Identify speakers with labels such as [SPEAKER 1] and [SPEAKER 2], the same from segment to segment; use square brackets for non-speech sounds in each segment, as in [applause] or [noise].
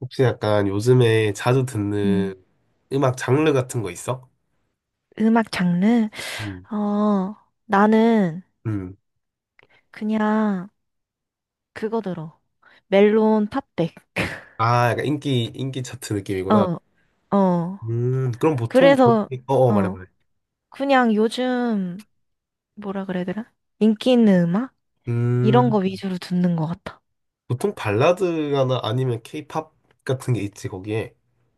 [SPEAKER 1] 혹시 약간 요즘에 자주
[SPEAKER 2] 음,
[SPEAKER 1] 듣는 음악 장르 같은 거 있어?
[SPEAKER 2] 음악 장르?
[SPEAKER 1] 음.
[SPEAKER 2] 어, 나는
[SPEAKER 1] 음.
[SPEAKER 2] 그냥 그거 들어. 멜론 팝백. [laughs]
[SPEAKER 1] 아, 약간 인기 차트 느낌이구나.
[SPEAKER 2] 어, 어.
[SPEAKER 1] 그럼 보통,
[SPEAKER 2] 그래서,
[SPEAKER 1] 어, 어, 말해,
[SPEAKER 2] 어,
[SPEAKER 1] 말해.
[SPEAKER 2] 그냥 요즘, 뭐라 그래야 되나? 인기 있는 음악? 이런
[SPEAKER 1] 음,
[SPEAKER 2] 거 위주로 듣는 것 같아.
[SPEAKER 1] 보통 발라드나 아니면 케이팝 같은 게 있지, 거기에.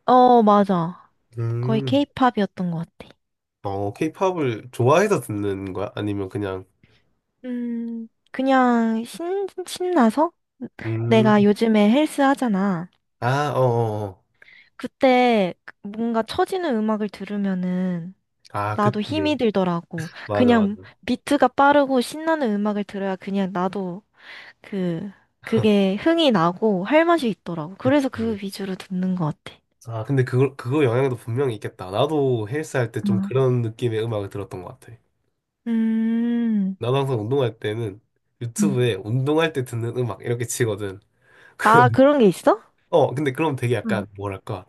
[SPEAKER 2] 어, 맞아. 거의
[SPEAKER 1] 음,
[SPEAKER 2] 케이팝이었던 것 같아.
[SPEAKER 1] 어, 케이팝을 좋아해서 듣는 거야? 아니면 그냥,
[SPEAKER 2] 그냥 신나서? 내가
[SPEAKER 1] 음,
[SPEAKER 2] 요즘에 헬스 하잖아.
[SPEAKER 1] 아, 어, 어, 어.
[SPEAKER 2] 그때 뭔가 처지는 음악을 들으면은
[SPEAKER 1] 아,
[SPEAKER 2] 나도 힘이
[SPEAKER 1] 그치.
[SPEAKER 2] 들더라고.
[SPEAKER 1] 맞아, 맞아.
[SPEAKER 2] 그냥 비트가 빠르고 신나는 음악을 들어야 그냥 나도 그,
[SPEAKER 1] [laughs]
[SPEAKER 2] 그게 흥이 나고 할 맛이 있더라고. 그래서 그
[SPEAKER 1] 그치.
[SPEAKER 2] 위주로 듣는 것 같아.
[SPEAKER 1] 아, 근데 그거 영향도 분명히 있겠다. 나도 헬스 할 때 좀
[SPEAKER 2] 아,
[SPEAKER 1] 그런 느낌의 음악을 들었던 것 같아.
[SPEAKER 2] 음.
[SPEAKER 1] 나도 항상 운동할 때는
[SPEAKER 2] 음.
[SPEAKER 1] 유튜브에 운동할 때 듣는 음악 이렇게 치거든. [laughs]
[SPEAKER 2] 아,
[SPEAKER 1] 그럼,
[SPEAKER 2] 그런 게 있어?
[SPEAKER 1] 어, 근데 그럼 되게
[SPEAKER 2] 응,
[SPEAKER 1] 약간 뭐랄까.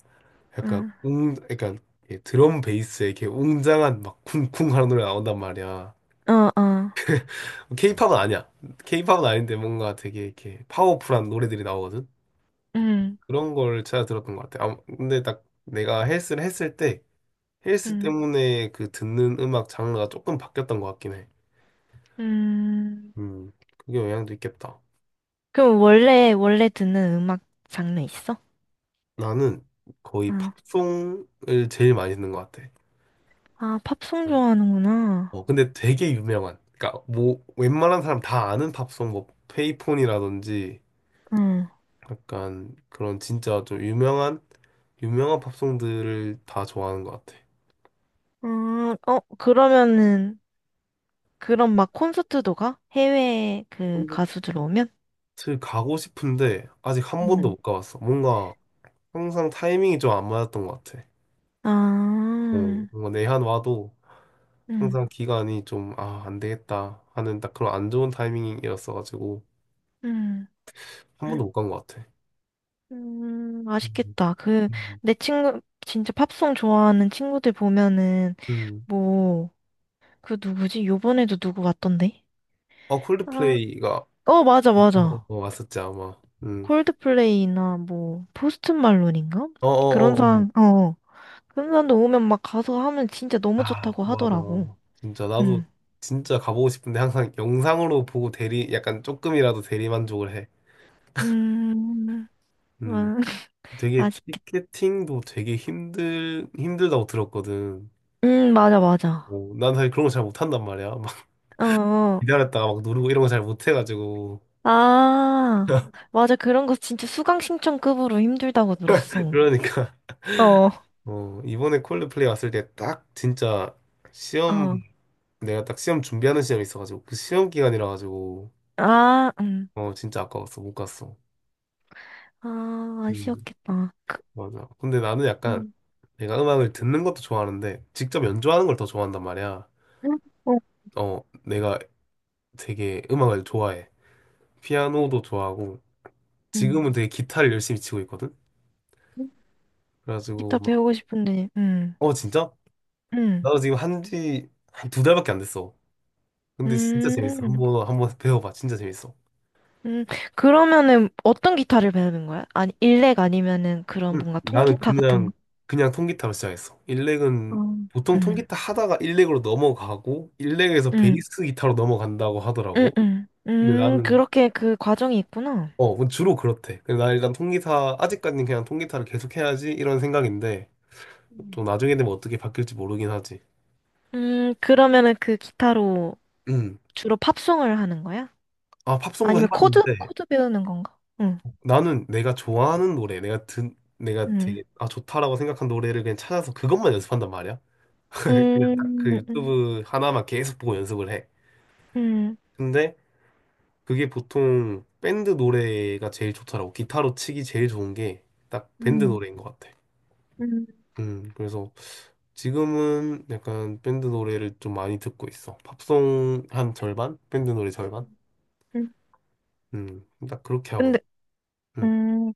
[SPEAKER 1] 약간
[SPEAKER 2] 응,
[SPEAKER 1] 웅, 약간 이렇게 드럼 베이스에 이렇게 웅장한 막 쿵쿵 하는 노래 나온단 말이야.
[SPEAKER 2] 어, 어.
[SPEAKER 1] 케이팝은 아니야. 케이팝은 아닌데 뭔가 되게 이렇게 파워풀한 노래들이 나오거든.
[SPEAKER 2] 응,
[SPEAKER 1] 그런 걸 찾아 들었던 것 같아. 아, 근데 딱 내가 헬스를 했을 때 헬스
[SPEAKER 2] 응,
[SPEAKER 1] 때문에 그 듣는 음악 장르가 조금 바뀌었던 것 같긴 해.
[SPEAKER 2] 응.
[SPEAKER 1] 그게 영향도 있겠다.
[SPEAKER 2] 그럼 원래 듣는 음악 장르 있어?
[SPEAKER 1] 나는 거의
[SPEAKER 2] 응.
[SPEAKER 1] 팝송을 제일 많이 듣는 것 같아.
[SPEAKER 2] 아, 팝송 좋아하는구나.
[SPEAKER 1] 어, 근데 되게 유명한. 그러니까 뭐 웬만한 사람 다 아는 팝송, 뭐 페이폰이라든지
[SPEAKER 2] 응.
[SPEAKER 1] 약간 그런 진짜 좀 유명한 팝송들을 다 좋아하는 것 같아.
[SPEAKER 2] 어, 그러면은, 그럼 막 콘서트도 가? 해외 그
[SPEAKER 1] 콘서트
[SPEAKER 2] 가수들 오면?
[SPEAKER 1] 가고 싶은데 아직 한 번도
[SPEAKER 2] 음.
[SPEAKER 1] 못 가봤어. 뭔가 항상 타이밍이 좀 안 맞았던 것 같아. 어,
[SPEAKER 2] 아,
[SPEAKER 1] 뭔가 내한 와도
[SPEAKER 2] 음,
[SPEAKER 1] 항상 기간이 좀, 아, 안 되겠다 하는 딱 그런 안 좋은 타이밍이었어가지고
[SPEAKER 2] 음,
[SPEAKER 1] 한 번도 못 간 것 같아. 음,
[SPEAKER 2] 아쉽겠다. 그,
[SPEAKER 1] 음.
[SPEAKER 2] 내 친구, 진짜 팝송 좋아하는 친구들 보면은,
[SPEAKER 1] 음.
[SPEAKER 2] 뭐, 그 누구지? 요번에도 누구 왔던데?
[SPEAKER 1] 어,
[SPEAKER 2] 아,
[SPEAKER 1] 콜드플레이가 어,
[SPEAKER 2] 어, 맞아,
[SPEAKER 1] 어,
[SPEAKER 2] 맞아.
[SPEAKER 1] 어, 왔었지, 아마. 음.
[SPEAKER 2] 콜드플레이나 뭐, 포스트 말론인가? 그런
[SPEAKER 1] 어어어어.
[SPEAKER 2] 사람, 어, 그런 사람도 오면 막 가서 하면 진짜 너무
[SPEAKER 1] 아,
[SPEAKER 2] 좋다고
[SPEAKER 1] 맞아.
[SPEAKER 2] 하더라고.
[SPEAKER 1] 진짜, 나도
[SPEAKER 2] 응,
[SPEAKER 1] 진짜 가보고 싶은데 항상 영상으로 보고 대리, 약간 조금이라도 대리만족을 해.
[SPEAKER 2] 음, 음,
[SPEAKER 1] 음.
[SPEAKER 2] [laughs]
[SPEAKER 1] 되게
[SPEAKER 2] 아, 아쉽겠다.
[SPEAKER 1] 티켓팅도 되게 힘들다고 들었거든.
[SPEAKER 2] 맞아, 맞아.
[SPEAKER 1] 어, 난 사실 그런 거 잘 못한단 말이야. [laughs]
[SPEAKER 2] 어, 어.
[SPEAKER 1] 기다렸다가 막 누르고 이런 거 잘 못해가지고
[SPEAKER 2] 아,
[SPEAKER 1] [laughs]
[SPEAKER 2] 맞아. 그런 거 진짜 수강 신청급으로 힘들다고 들었어.
[SPEAKER 1] 그러니까
[SPEAKER 2] 어.
[SPEAKER 1] 어 이번에 콜드플레이 왔을 때 딱 진짜 시험
[SPEAKER 2] 어,
[SPEAKER 1] 내가 딱 시험 준비하는 시험이 있어가지고 그 시험 기간이라 가지고
[SPEAKER 2] 아,
[SPEAKER 1] 어 진짜 아까웠어 못 갔어.
[SPEAKER 2] 아,
[SPEAKER 1] 음
[SPEAKER 2] 아쉬웠겠다. 그,
[SPEAKER 1] 맞아. 근데 나는 약간
[SPEAKER 2] 음,
[SPEAKER 1] 내가 음악을 듣는 것도 좋아하는데 직접 연주하는 걸 더 좋아한단 말이야.
[SPEAKER 2] 어.
[SPEAKER 1] 어 내가 되게 음악을 좋아해. 피아노도 좋아하고
[SPEAKER 2] 음.
[SPEAKER 1] 지금은 되게 기타를 열심히 치고 있거든. 그래가지고
[SPEAKER 2] 기타
[SPEAKER 1] 막,
[SPEAKER 2] 배우고 싶은데,
[SPEAKER 1] 어 진짜?
[SPEAKER 2] 음,
[SPEAKER 1] 나도 지금 한지 한 두 달밖에 안 됐어. 근데 진짜 재밌어.
[SPEAKER 2] 음,
[SPEAKER 1] 한번 한번 배워봐. 진짜 재밌어.
[SPEAKER 2] 음. 그러면은 어떤 기타를 배우는 거야? 아니, 일렉 아니면은 그런
[SPEAKER 1] 응.
[SPEAKER 2] 뭔가
[SPEAKER 1] 나는
[SPEAKER 2] 통기타 같은 거?
[SPEAKER 1] 그냥 통기타로 시작했어.
[SPEAKER 2] 어.
[SPEAKER 1] 일렉은 보통
[SPEAKER 2] 음,
[SPEAKER 1] 통기타 하다가 일렉으로 넘어가고 일렉에서
[SPEAKER 2] 음,
[SPEAKER 1] 베이스 기타로 넘어간다고 하더라고. 근데 나는
[SPEAKER 2] 그렇게 그 과정이 있구나.
[SPEAKER 1] 어 뭐 주로 그렇대. 근데 나 일단 통기타 아직까지는 그냥 통기타를 계속 해야지 이런 생각인데 또 나중에 되면 어떻게 바뀔지 모르긴 하지.
[SPEAKER 2] 그러면은 그 기타로
[SPEAKER 1] 음.
[SPEAKER 2] 주로 팝송을 하는 거야?
[SPEAKER 1] 아 팝송도
[SPEAKER 2] 아니면 코드?
[SPEAKER 1] 해봤는데
[SPEAKER 2] 코드 배우는 건가? 응,
[SPEAKER 1] 나는 내가 좋아하는 노래, 내가
[SPEAKER 2] 응.
[SPEAKER 1] 되게 아 좋다라고 생각한 노래를 그냥 찾아서 그것만 연습한단 말이야. [laughs] 그냥 딱
[SPEAKER 2] 음,
[SPEAKER 1] 그
[SPEAKER 2] 음,
[SPEAKER 1] 유튜브 하나만 계속 보고 연습을 해.
[SPEAKER 2] 음,
[SPEAKER 1] 근데 그게 보통 밴드 노래가 제일 좋더라고. 기타로 치기 제일 좋은 게 딱 밴드
[SPEAKER 2] 음,
[SPEAKER 1] 노래인 것 같아.
[SPEAKER 2] 음,
[SPEAKER 1] 그래서 지금은 약간 밴드 노래를 좀 많이 듣고 있어. 팝송 한 절반? 밴드 노래 절반?
[SPEAKER 2] 음.
[SPEAKER 1] 딱 그렇게 하고
[SPEAKER 2] 근데,
[SPEAKER 1] 있어. 음,
[SPEAKER 2] 음,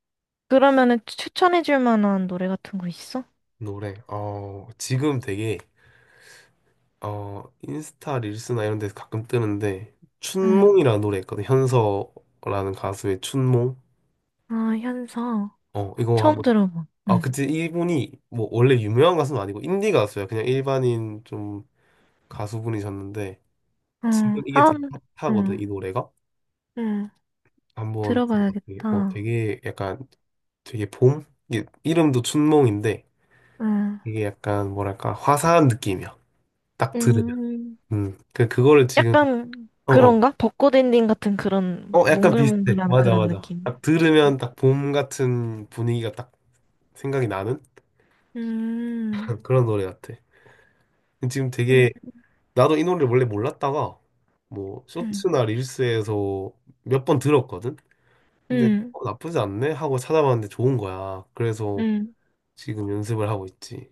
[SPEAKER 2] 그러면은 추천해줄 만한 노래 같은 거 있어?
[SPEAKER 1] 노래. 어, 지금 되게, 어, 인스타 릴스나 이런 데서 가끔 뜨는데,
[SPEAKER 2] 응.
[SPEAKER 1] 춘몽이라는 노래 있거든. 현서라는 가수의 춘몽.
[SPEAKER 2] 아, 현서.
[SPEAKER 1] 어, 이거
[SPEAKER 2] 처음
[SPEAKER 1] 한번
[SPEAKER 2] 들어봐.
[SPEAKER 1] 아,
[SPEAKER 2] 응.
[SPEAKER 1] 그때 이분이 뭐 원래 유명한 가수는 아니고 인디 가수야. 그냥 일반인 좀 가수분이셨는데 지금
[SPEAKER 2] 응,
[SPEAKER 1] 이게 되게
[SPEAKER 2] 다음,
[SPEAKER 1] 핫하거든,
[SPEAKER 2] 응,
[SPEAKER 1] 이 노래가.
[SPEAKER 2] 응.
[SPEAKER 1] 한번 들어봐. 되게, 어,
[SPEAKER 2] 들어봐야겠다.
[SPEAKER 1] 되게 약간 되게 봄? 이게 이름도 춘몽인데
[SPEAKER 2] 응.
[SPEAKER 1] 이게 약간 뭐랄까 화사한 느낌이야. 딱 들으면.
[SPEAKER 2] 음,
[SPEAKER 1] 음. 그 그거를 지금
[SPEAKER 2] 약간
[SPEAKER 1] 어, 어.
[SPEAKER 2] 그런가? 벚꽃 엔딩 같은 그런
[SPEAKER 1] 어, 약간 비슷해.
[SPEAKER 2] 몽글몽글한
[SPEAKER 1] 맞아,
[SPEAKER 2] 그런
[SPEAKER 1] 맞아.
[SPEAKER 2] 느낌?
[SPEAKER 1] 딱 들으면 딱 봄 같은 분위기가 딱 생각이 나는
[SPEAKER 2] 음,
[SPEAKER 1] [laughs] 그런 노래 같아. 지금
[SPEAKER 2] 음,
[SPEAKER 1] 되게 나도 이 노래를 원래 몰랐다가 뭐
[SPEAKER 2] 음,
[SPEAKER 1] 쇼츠나 릴스에서 몇 번 들었거든. 근데
[SPEAKER 2] 음,
[SPEAKER 1] 어, 나쁘지 않네 하고 찾아봤는데 좋은 거야. 그래서
[SPEAKER 2] 음,
[SPEAKER 1] 지금 연습을 하고 있지.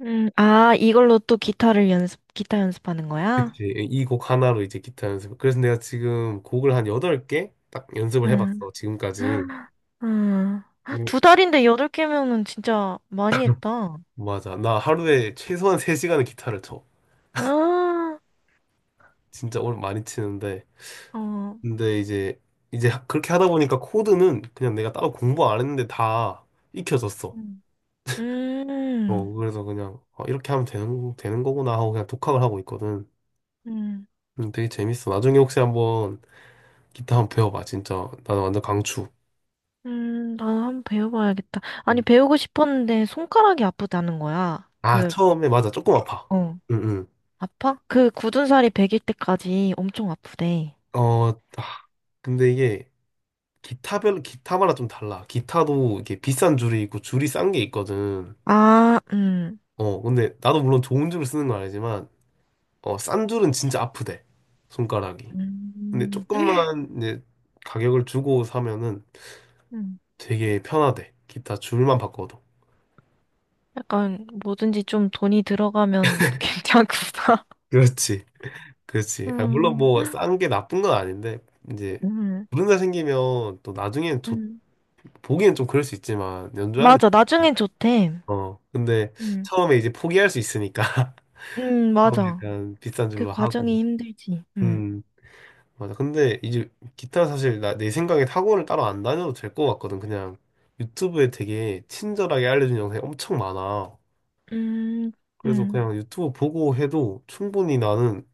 [SPEAKER 2] 아, 이걸로 또 기타 연습하는 거야?
[SPEAKER 1] 그치. 이 곡 하나로 이제 기타 연습. 그래서 내가 지금 곡을 한 8개 딱 연습을
[SPEAKER 2] 음,
[SPEAKER 1] 해봤어. 지금까지.
[SPEAKER 2] [gasps] 음.
[SPEAKER 1] 음.
[SPEAKER 2] 두 달인데 여덟 개면은 진짜 많이
[SPEAKER 1] [laughs]
[SPEAKER 2] 했다.
[SPEAKER 1] [clears throat] 맞아. 나 하루에 최소한 3시간은 기타를 쳐.
[SPEAKER 2] [gasps]
[SPEAKER 1] 진짜 오늘 많이 치는데.
[SPEAKER 2] 아, 어,
[SPEAKER 1] 근데 그렇게 하다 보니까 코드는 그냥 내가 따로 공부 안 했는데 다 익혀졌어.
[SPEAKER 2] 음, 음,
[SPEAKER 1] 어, 그래서 그냥, 아, 이렇게 하면 되는 거구나 하고 그냥 독학을 하고 있거든.
[SPEAKER 2] 음,
[SPEAKER 1] 되게 재밌어. 나중에 혹시 한번 기타 한번 배워봐. 진짜. 나는 완전 강추.
[SPEAKER 2] 나도 한번 배워봐야겠다. 아니,
[SPEAKER 1] 음.
[SPEAKER 2] 배우고 싶었는데 손가락이 아프다는 거야.
[SPEAKER 1] 아,
[SPEAKER 2] 그,
[SPEAKER 1] 처음에 맞아. 조금 아파.
[SPEAKER 2] 어,
[SPEAKER 1] 응,
[SPEAKER 2] 아파? 그 굳은 살이 배길 때까지 엄청 아프대.
[SPEAKER 1] 응. 어, 아, 근데 이게 기타마다 좀 달라. 기타도 이게 비싼 줄이 있고 줄이 싼 게 있거든.
[SPEAKER 2] 아,
[SPEAKER 1] 어, 근데 나도 물론 좋은 줄을 쓰는 건 아니지만, 어, 싼 줄은 진짜 아프대. 손가락이. 근데
[SPEAKER 2] 음.
[SPEAKER 1] 조금만 이제 가격을 주고 사면은
[SPEAKER 2] 음.
[SPEAKER 1] 되게 편하대. 기타 줄만 바꿔도.
[SPEAKER 2] 약간 뭐든지 좀 돈이 들어가면 [laughs] 괜찮구나.
[SPEAKER 1] 그렇지, 그렇지. 아, 물론
[SPEAKER 2] 음.
[SPEAKER 1] 뭐 싼 게 나쁜 건 아닌데 이제
[SPEAKER 2] 음.
[SPEAKER 1] 불륜자 생기면 또 나중에는 좀
[SPEAKER 2] 음.
[SPEAKER 1] 보기엔 좀 그럴 수 있지만 연주하는
[SPEAKER 2] 맞아,
[SPEAKER 1] [laughs]
[SPEAKER 2] 나중엔 좋대.
[SPEAKER 1] 어 근데
[SPEAKER 2] 음.
[SPEAKER 1] 처음에 이제 포기할 수 있으니까 [laughs] 처음에
[SPEAKER 2] 맞아.
[SPEAKER 1] 약간 비싼
[SPEAKER 2] 그
[SPEAKER 1] 줄로
[SPEAKER 2] 과정이
[SPEAKER 1] 하고
[SPEAKER 2] 힘들지. 음.
[SPEAKER 1] 음 맞아. 근데 이제 기타 사실 나 내 생각에 학원을 따로 안 다녀도 될 것 같거든. 그냥 유튜브에 되게 친절하게 알려준 영상이 엄청 많아.
[SPEAKER 2] 음.
[SPEAKER 1] 그래서
[SPEAKER 2] 음.
[SPEAKER 1] 그냥 유튜브 보고 해도 충분히 나는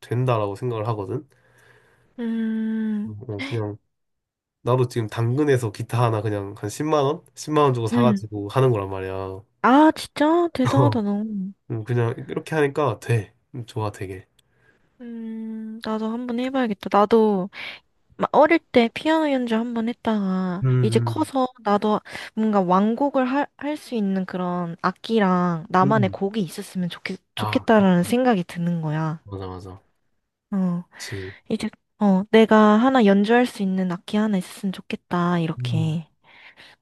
[SPEAKER 1] 된다라고 생각을 하거든.
[SPEAKER 2] 음,
[SPEAKER 1] 어, 그냥 나도 지금 당근에서 기타 하나 그냥 한 10만 원? 10만 원 주고
[SPEAKER 2] 음.
[SPEAKER 1] 사가지고 하는 거란 말이야.
[SPEAKER 2] 아, 진짜? 대단하다,
[SPEAKER 1] [laughs]
[SPEAKER 2] 너.
[SPEAKER 1] 그냥 이렇게 하니까 돼. 좋아, 되게.
[SPEAKER 2] 나도 한번 해봐야겠다. 나도 막 어릴 때 피아노 연주 한번 했다가
[SPEAKER 1] 음,
[SPEAKER 2] 이제
[SPEAKER 1] 음,
[SPEAKER 2] 커서 나도 뭔가 완곡을 할 수 있는 그런 악기랑 나만의
[SPEAKER 1] 음.
[SPEAKER 2] 곡이 있었으면 좋겠,
[SPEAKER 1] 아,
[SPEAKER 2] 좋겠다라는 생각이 드는 거야.
[SPEAKER 1] 맞아, 맞아.
[SPEAKER 2] 어,
[SPEAKER 1] 그치.
[SPEAKER 2] 이제, 어, 내가 하나 연주할 수 있는 악기 하나 있었으면 좋겠다,
[SPEAKER 1] 음,
[SPEAKER 2] 이렇게.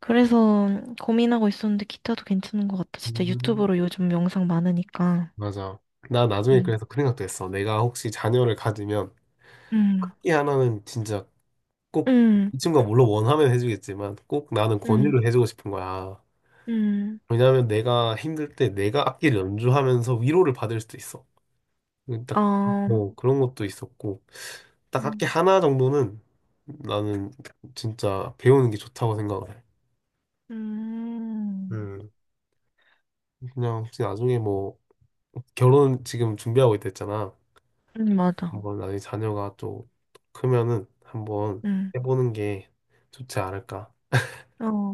[SPEAKER 2] 그래서 고민하고 있었는데 기타도 괜찮은 것 같아. 진짜
[SPEAKER 1] 음.
[SPEAKER 2] 유튜브로 요즘 영상 많으니까.
[SPEAKER 1] 맞아. 나 나중에
[SPEAKER 2] 음,
[SPEAKER 1] 그래서 그 생각도 했어. 내가 혹시 자녀를 가지면
[SPEAKER 2] 음,
[SPEAKER 1] 이 하나는 진짜 꼭
[SPEAKER 2] 음,
[SPEAKER 1] 이 친구가 물론 원하면 해주겠지만 꼭 나는
[SPEAKER 2] 음,
[SPEAKER 1] 권유를 해주고 싶은 거야.
[SPEAKER 2] 음,
[SPEAKER 1] 왜냐하면 내가 힘들 때 내가 악기를 연주하면서 위로를 받을 수도 있어. 딱,
[SPEAKER 2] 어,
[SPEAKER 1] 뭐, 그런 것도 있었고, 딱 학기
[SPEAKER 2] 음,
[SPEAKER 1] 하나 정도는 나는 진짜 배우는 게 좋다고 생각을 해.
[SPEAKER 2] 음,
[SPEAKER 1] 음, 그냥 혹시 나중에 뭐, 결혼 지금 준비하고 있다 했잖아.
[SPEAKER 2] 맞아.
[SPEAKER 1] 한번 나중에 자녀가 좀 크면은 한번
[SPEAKER 2] 음.
[SPEAKER 1] 해보는 게 좋지 않을까.
[SPEAKER 2] 어,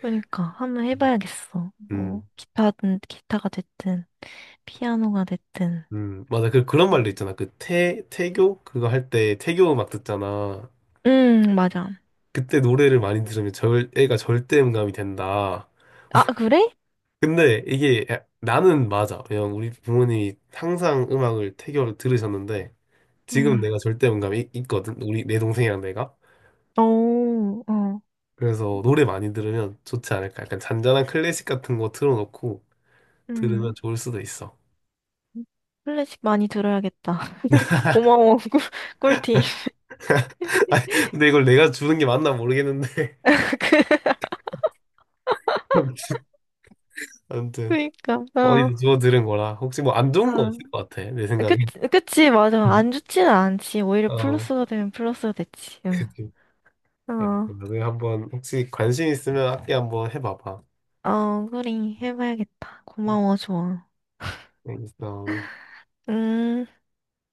[SPEAKER 2] 그러니까 한번 해봐야겠어. 뭐
[SPEAKER 1] 음,
[SPEAKER 2] 기타든 기타가 됐든 피아노가 됐든.
[SPEAKER 1] 맞아. 그런
[SPEAKER 2] 음,
[SPEAKER 1] 말도 있잖아. 그 태교? 그거 할 때 태교 음악 듣잖아.
[SPEAKER 2] 맞아.
[SPEAKER 1] 그때 노래를 많이 들으면 애가 절대음감이 된다.
[SPEAKER 2] 아, 그래?
[SPEAKER 1] 근데 이게 나는 맞아. 그냥 우리 부모님이 항상 음악을 태교로 들으셨는데 지금
[SPEAKER 2] 음.
[SPEAKER 1] 내가 절대음감이 있거든. 우리 내 동생이랑 내가.
[SPEAKER 2] 오, 어,
[SPEAKER 1] 그래서 노래 많이 들으면 좋지 않을까. 약간 잔잔한 클래식 같은 거 틀어놓고 들으면
[SPEAKER 2] 음.
[SPEAKER 1] 좋을 수도 있어.
[SPEAKER 2] 클래식 많이 들어야겠다. [laughs] 고마워, 꿀팁.
[SPEAKER 1] [laughs] 아니, 근데 이걸 내가 주는 게 맞나 모르겠는데.
[SPEAKER 2] [laughs]
[SPEAKER 1] [laughs] 아무튼 아무튼
[SPEAKER 2] 그니까,
[SPEAKER 1] 어디서
[SPEAKER 2] 어,
[SPEAKER 1] 주워 들은 거라 혹시 뭐 안
[SPEAKER 2] 어.
[SPEAKER 1] 좋은 거 없을 것 같아. 내
[SPEAKER 2] 그,
[SPEAKER 1] 생각에.
[SPEAKER 2] 그치, 맞아. 안
[SPEAKER 1] 음.
[SPEAKER 2] 좋지는 않지. 오히려
[SPEAKER 1] 어,
[SPEAKER 2] 플러스가 되면 플러스가 됐지. 응.
[SPEAKER 1] 그치. 네,
[SPEAKER 2] 어,
[SPEAKER 1] 나중에 한번 혹시 관심 있으면 악기 한번 해봐봐.
[SPEAKER 2] 어, 그래. 해봐야겠다. 고마워, 좋아.
[SPEAKER 1] 알겠어.
[SPEAKER 2] 음.